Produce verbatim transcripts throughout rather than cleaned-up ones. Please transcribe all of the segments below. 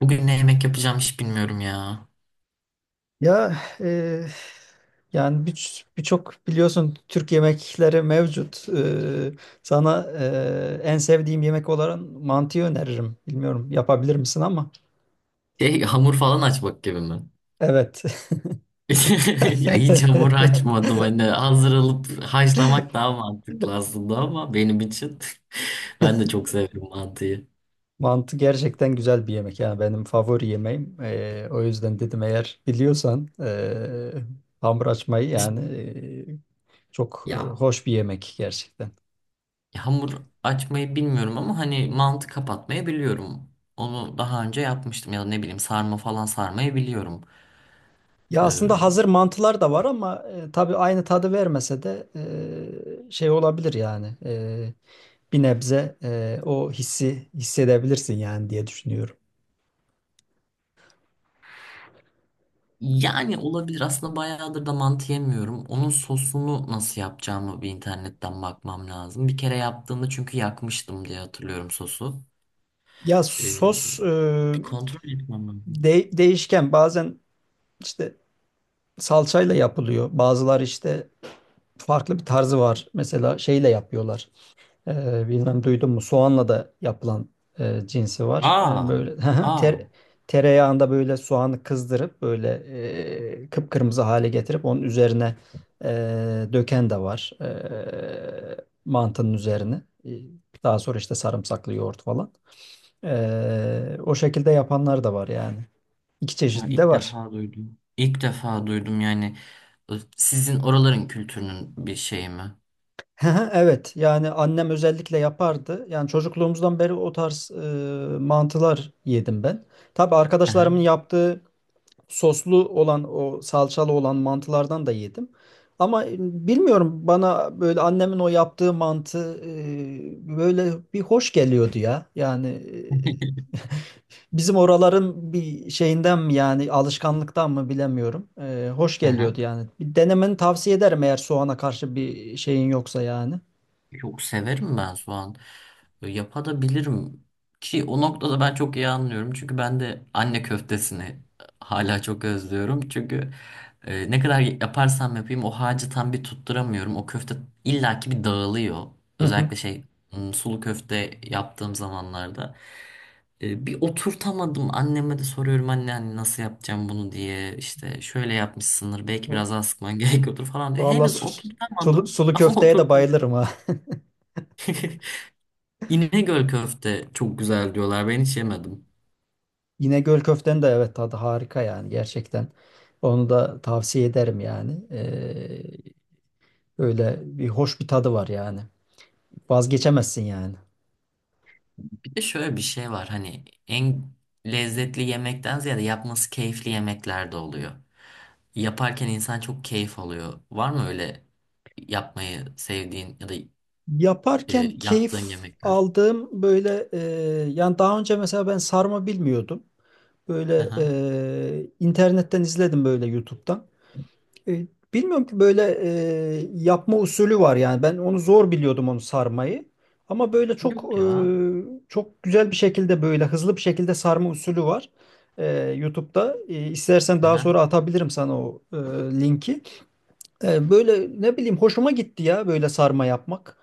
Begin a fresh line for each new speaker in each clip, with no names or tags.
Bugün ne yemek yapacağım hiç bilmiyorum ya.
Ya, e, yani bir- birçok biliyorsun Türk yemekleri mevcut. E, sana e, en sevdiğim yemek olarak mantıyı öneririm. Bilmiyorum, yapabilir misin ama.
Şey, hamur falan açmak gibi mi?
Evet.
Ya hiç hamur açmadım, hani hazır alıp haşlamak daha mantıklı aslında ama benim için ben de çok severim mantıyı.
Mantı gerçekten güzel bir yemek. Yani benim favori yemeğim. E, o yüzden dedim, eğer biliyorsan e, hamur açmayı yani e, çok e,
Ya
hoş bir yemek gerçekten.
hamur açmayı bilmiyorum ama hani mantı kapatmayı biliyorum. Onu daha önce yapmıştım ya da ne bileyim sarma falan, sarmayı biliyorum.
Ya, aslında
Ee,
hazır mantılar da var ama e, tabii aynı tadı vermese de e, şey olabilir yani. E, bir nebze e, o hissi hissedebilirsin yani diye düşünüyorum.
Yani olabilir. Aslında bayağıdır da mantı yemiyorum. Onun sosunu nasıl yapacağımı bir internetten bakmam lazım. Bir kere yaptığımda çünkü yakmıştım diye hatırlıyorum sosu.
Ya, sos
Ee,
e,
Bir kontrol etmem lazım.
de- değişken bazen, işte salçayla yapılıyor. Bazıları işte farklı bir tarzı var. Mesela şeyle yapıyorlar. Ee, bilmem duydun mu? Soğanla da yapılan e, cinsi var. Ee,
Aa,
böyle
aa.
ter, tereyağında böyle soğanı kızdırıp böyle e, kıpkırmızı hale getirip onun üzerine e, döken de var. E, mantının üzerine. E, Daha sonra işte sarımsaklı yoğurt falan. E, o şekilde yapanlar da var yani. İki
Ya
çeşidi de
ilk
var.
defa duydum. İlk defa duydum yani. Sizin oraların kültürünün bir şeyi mi?
Evet, yani annem özellikle yapardı. Yani çocukluğumuzdan beri o tarz e, mantılar yedim ben. Tabii
Hı
arkadaşlarımın
hı.
yaptığı soslu olan, o salçalı olan mantılardan da yedim. Ama e, bilmiyorum, bana böyle annemin o yaptığı mantı e, böyle bir hoş geliyordu ya. Yani e, bizim oraların bir şeyinden mi yani alışkanlıktan mı bilemiyorum. E, hoş
Hı
geliyordu
hı.
yani. Bir denemeni tavsiye ederim, eğer soğana karşı bir şeyin yoksa yani.
Yok, severim ben soğan. E, Yapabilirim ki o noktada ben çok iyi anlıyorum. Çünkü ben de anne köftesini e, hala çok özlüyorum. Çünkü e, ne kadar yaparsam yapayım o harcı tam bir tutturamıyorum. O köfte illaki bir dağılıyor.
Hı hı.
Özellikle şey m, sulu köfte yaptığım zamanlarda. E, bir oturtamadım. Anneme de soruyorum, anne, anne nasıl yapacağım bunu diye. İşte şöyle yapmışsındır, belki biraz daha sıkman gerekiyordur falan diyor.
Valla
Henüz
sulu,
oturtamadım
sulu
ama
köfteye de
oturtacağım.
bayılırım, ha.
İnegöl köfte çok güzel diyorlar. Ben hiç yemedim.
İnegöl köftenin de evet tadı harika yani gerçekten. Onu da tavsiye ederim yani. Ee, öyle bir hoş bir tadı var yani. Vazgeçemezsin yani.
Bir de şöyle bir şey var. Hani en lezzetli yemekten ziyade yapması keyifli yemekler de oluyor. Yaparken insan çok keyif alıyor. Var mı öyle yapmayı sevdiğin ya da e,
Yaparken
yaptığın
keyif
yemekler?
aldığım böyle e, yani daha önce mesela ben sarma bilmiyordum. Böyle
Aha.
e, internetten izledim böyle YouTube'dan. E, Bilmiyorum ki böyle e, yapma usulü var yani. Ben onu zor biliyordum, onu sarmayı. Ama böyle çok
Yok
e,
ya.
çok güzel bir şekilde, böyle hızlı bir şekilde sarma usulü var. E, YouTube'da. E, istersen daha
Aha.
sonra atabilirim sana o e, linki. E, böyle ne bileyim hoşuma gitti ya böyle sarma yapmak.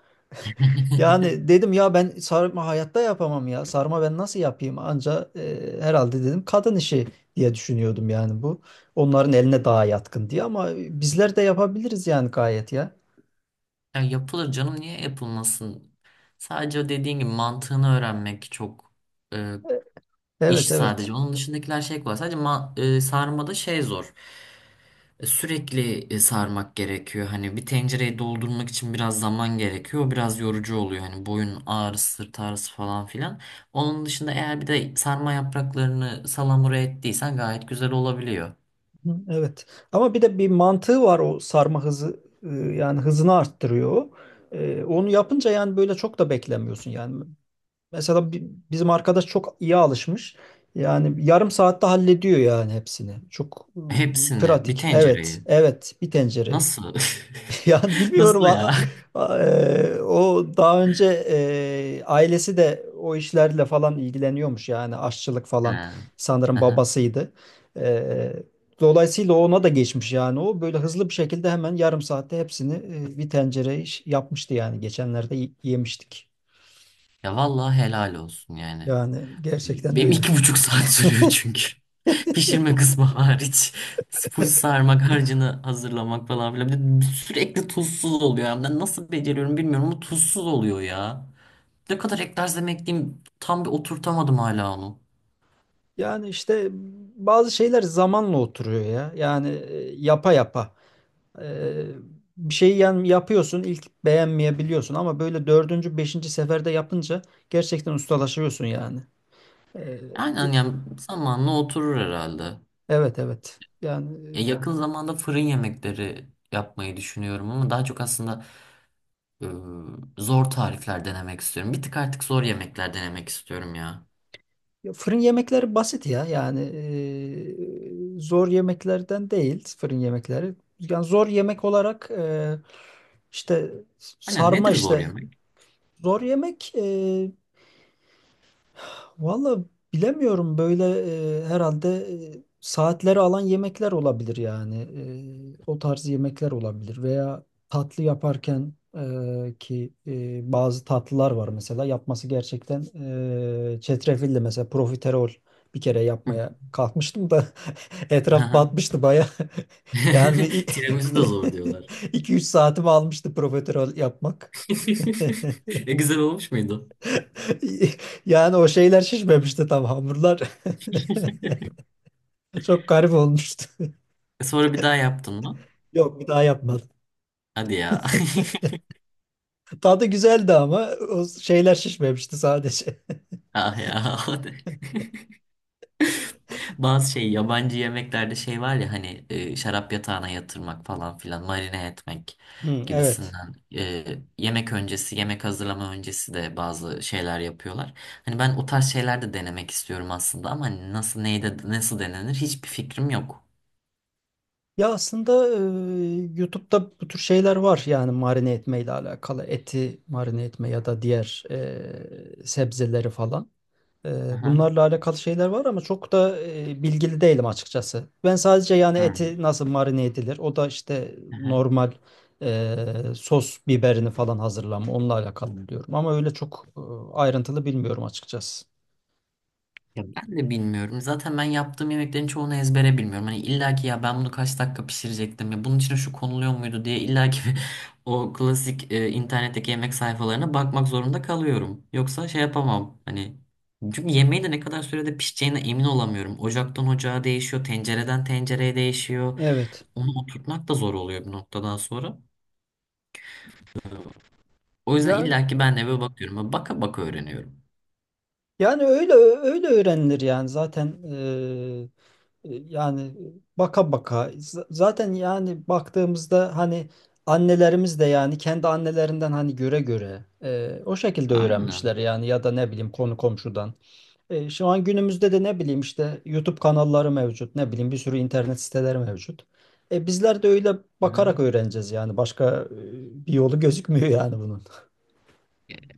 Yani dedim ya, ben sarma hayatta yapamam ya. Sarma ben nasıl yapayım? Anca e, herhalde dedim kadın işi diye düşünüyordum yani bu. Onların eline daha yatkın diye, ama bizler de yapabiliriz yani gayet ya.
Ya yapılır canım, niye yapılmasın? Sadece o dediğin gibi mantığını öğrenmek çok e, iş
Evet,
sadece.
evet.
Onun dışındakiler şey kolay. Sadece ma- e, sarmada şey zor. E, Sürekli e, sarmak gerekiyor. Hani bir tencereyi doldurmak için biraz zaman gerekiyor. Biraz yorucu oluyor. Hani boyun ağrısı, sırt ağrısı falan filan. Onun dışında eğer bir de sarma yapraklarını salamura ettiysen gayet güzel olabiliyor.
Hı, evet. Ama bir de bir mantığı var, o sarma hızı e, yani hızını arttırıyor, o. E, onu yapınca yani böyle çok da beklemiyorsun yani. Mesela bi- bizim arkadaş çok iyi alışmış. Yani yarım saatte hallediyor yani hepsini. Çok ıı,
Hepsini, bir
pratik. Evet,
tencereyi.
evet, bir tencereyi.
Nasıl?
Yani bilmiyorum,
Nasıl ya?
a- a- e, o daha önce e, ailesi de o işlerle falan ilgileniyormuş yani, aşçılık falan
Ha,
sanırım
aha.
babasıydı. E, Dolayısıyla ona da geçmiş yani, o böyle hızlı bir şekilde hemen yarım saatte hepsini e, bir tencere iş yapmıştı yani, geçenlerde y- yemiştik.
Ya vallahi helal olsun yani.
Yani gerçekten
Benim
öyle.
iki buçuk saat sürüyor çünkü. Pişirme kısmı hariç. Full sarmak, harcını hazırlamak falan filan. Bir de sürekli tuzsuz oluyor. Yani ben nasıl beceriyorum bilmiyorum ama tuzsuz oluyor ya. Ne kadar eklersem ekleyeyim tam bir oturtamadım hala onu.
Yani işte bazı şeyler zamanla oturuyor ya. Yani e, yapa yapa. E, Bir şeyi yani yapıyorsun, ilk beğenmeyebiliyorsun ama böyle dördüncü, beşinci seferde yapınca gerçekten ustalaşıyorsun yani. E,
Aynen, yani zamanla oturur herhalde.
evet, evet. Yani
Ya
e,
yakın zamanda fırın yemekleri yapmayı düşünüyorum ama daha çok aslında e, zor tarifler denemek istiyorum. Bir tık artık zor yemekler denemek istiyorum ya.
ya fırın yemekleri basit ya. Yani e, zor yemeklerden değil fırın yemekleri. Yani zor yemek olarak e, işte
Aynen,
sarma
nedir zor
işte.
yemek?
Zor yemek e, valla bilemiyorum böyle, e, herhalde e, saatleri alan yemekler olabilir yani. E, o tarz yemekler olabilir, veya tatlı yaparken e, ki e, bazı tatlılar var mesela, yapması gerçekten e, çetrefilli, mesela profiterol bir kere
Hı.
yapmaya kalkmıştım da etraf batmıştı baya, yani bir
Tiramisu da zor diyorlar.
iki üç saatimi almıştı profiterol yapmak.
E güzel olmuş muydu?
Yani o şeyler şişmemişti tam, hamurlar. Çok garip olmuştu.
E, Sonra bir daha yaptın mı?
Yok, bir daha yapmadım.
Hadi ya.
Tadı güzeldi ama o şeyler şişmemişti sadece.
Ah ya. Bazı şey yabancı yemeklerde şey var ya, hani e, şarap yatağına yatırmak falan filan, marine etmek
Hı, evet.
gibisinden. E, yemek öncesi, yemek hazırlama öncesi de bazı şeyler yapıyorlar. Hani ben o tarz şeyler de denemek istiyorum aslında ama hani nasıl, neyde nasıl denenir hiçbir fikrim yok.
Ya, aslında e, YouTube'da bu tür şeyler var yani, marine etmeyle alakalı. Eti marine etme, ya da diğer e, sebzeleri falan. Ee,
Aha.
Bunlarla alakalı şeyler var ama çok da e, bilgili değilim açıkçası. Ben sadece yani eti nasıl marine edilir, o da işte
Hı.
normal e, sos biberini falan hazırlama, onunla alakalı biliyorum. Ama öyle çok e, ayrıntılı bilmiyorum açıkçası.
Ya ben de bilmiyorum. Zaten ben yaptığım yemeklerin çoğunu ezbere bilmiyorum. Hani illa ki ya ben bunu kaç dakika pişirecektim, ya bunun içine şu konuluyor muydu diye illa ki o klasik e, internetteki yemek sayfalarına bakmak zorunda kalıyorum. Yoksa şey yapamam. Hani çünkü yemeği de ne kadar sürede pişeceğine emin olamıyorum. Ocaktan ocağa değişiyor, tencereden tencereye değişiyor.
Evet.
Onu oturtmak da zor oluyor bir noktadan sonra. O yüzden
Yani
illa ki ben de eve bakıyorum. Baka baka öğreniyorum.
Yani öyle öyle öğrenilir yani, zaten eee, e, yani baka baka Z- zaten, yani baktığımızda hani annelerimiz de yani kendi annelerinden hani göre göre eee, o şekilde öğrenmişler
Aynen.
yani, ya da ne bileyim konu komşudan. E, şu an günümüzde de ne bileyim işte YouTube kanalları mevcut, ne bileyim bir sürü internet siteleri mevcut. E, bizler de öyle
Hı.
bakarak öğreneceğiz yani, başka e, bir yolu gözükmüyor yani bunun.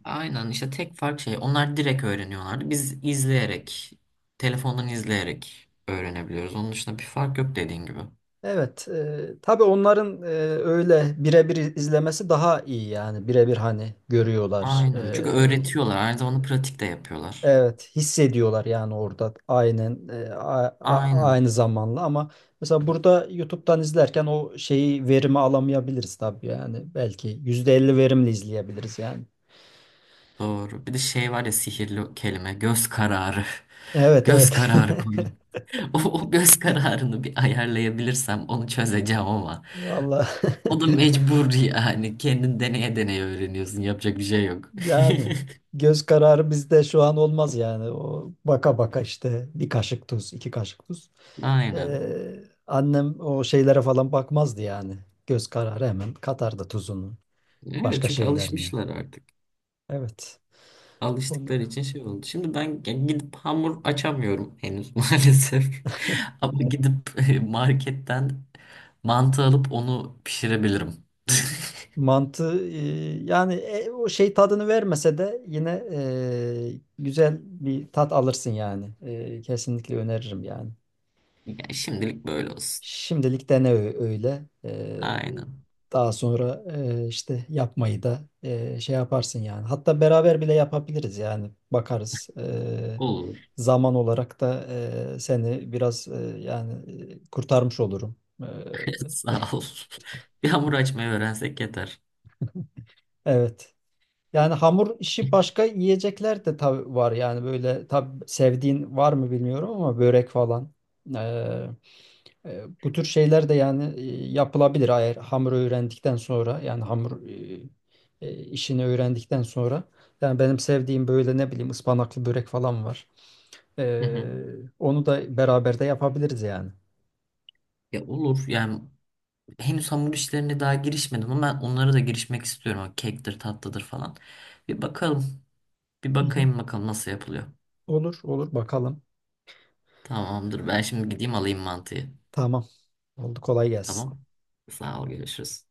Aynen işte, tek fark şey, onlar direkt öğreniyorlardı. Biz izleyerek, telefondan izleyerek öğrenebiliyoruz. Onun dışında bir fark yok, dediğin gibi.
Evet, e, tabii onların e, öyle birebir izlemesi daha iyi yani, birebir hani görüyorlar.
Aynen. Çünkü
E,
öğretiyorlar. Aynı zamanda pratik de yapıyorlar.
evet, hissediyorlar yani orada aynen, e, a- a- aynı
Aynen.
zamanla, ama mesela burada YouTube'dan izlerken o şeyi verimi alamayabiliriz tabii yani, belki yüzde elli verimli izleyebiliriz yani.
Doğru. Bir de şey var ya, sihirli kelime. Göz kararı.
Evet,
Göz
evet.
kararı koyun. O, o göz kararını bir ayarlayabilirsem onu çözeceğim ama.
Vallahi
O da mecbur yani. Kendin deneye deneye öğreniyorsun. Yapacak bir şey yok.
yani göz kararı bizde şu an olmaz yani. O baka baka işte, bir kaşık tuz, iki kaşık tuz.
Aynen.
Ee, annem o şeylere falan bakmazdı yani. Göz kararı hemen katardı tuzunu,
Evet,
başka
çünkü
şeylerini.
alışmışlar artık.
Evet. Bunu,
Alıştıkları için şey oldu. Şimdi ben g- gidip hamur açamıyorum henüz maalesef. Ama gidip e, marketten mantı alıp onu pişirebilirim.
mantı e, yani e, o şey tadını vermese de yine e, güzel bir tat alırsın yani. E, kesinlikle öneririm yani.
Ya şimdilik böyle olsun.
Şimdilik dene ö- öyle. Ee,
Aynen.
daha sonra e, işte yapmayı da e, şey yaparsın yani. Hatta beraber bile yapabiliriz yani. Bakarız. Ee,
Olur.
zaman olarak da e, seni biraz e, yani e, kurtarmış olurum. Ee,
Sağ ol. Bir hamur açmayı öğrensek yeter.
evet. Yani hamur işi başka yiyecekler de tabii var. Yani böyle, tabii sevdiğin var mı bilmiyorum ama, börek falan. Ee, E, Bu tür şeyler de yani e, yapılabilir, eğer hamur öğrendikten sonra yani hamur e, e, işini öğrendikten sonra, yani benim sevdiğim böyle ne bileyim ıspanaklı börek falan var.
Hı
E,
hı.
onu da beraber de yapabiliriz yani.
Ya olur yani, henüz hamur işlerine daha girişmedim ama ben onlara da girişmek istiyorum. O kektir, tatlıdır falan. Bir bakalım. Bir
Hı hı.
bakayım bakalım nasıl yapılıyor.
Olur, olur bakalım.
Tamamdır. Ben şimdi gideyim alayım mantıyı.
Tamam. Oldu, kolay gelsin.
Tamam. Sağ ol, görüşürüz.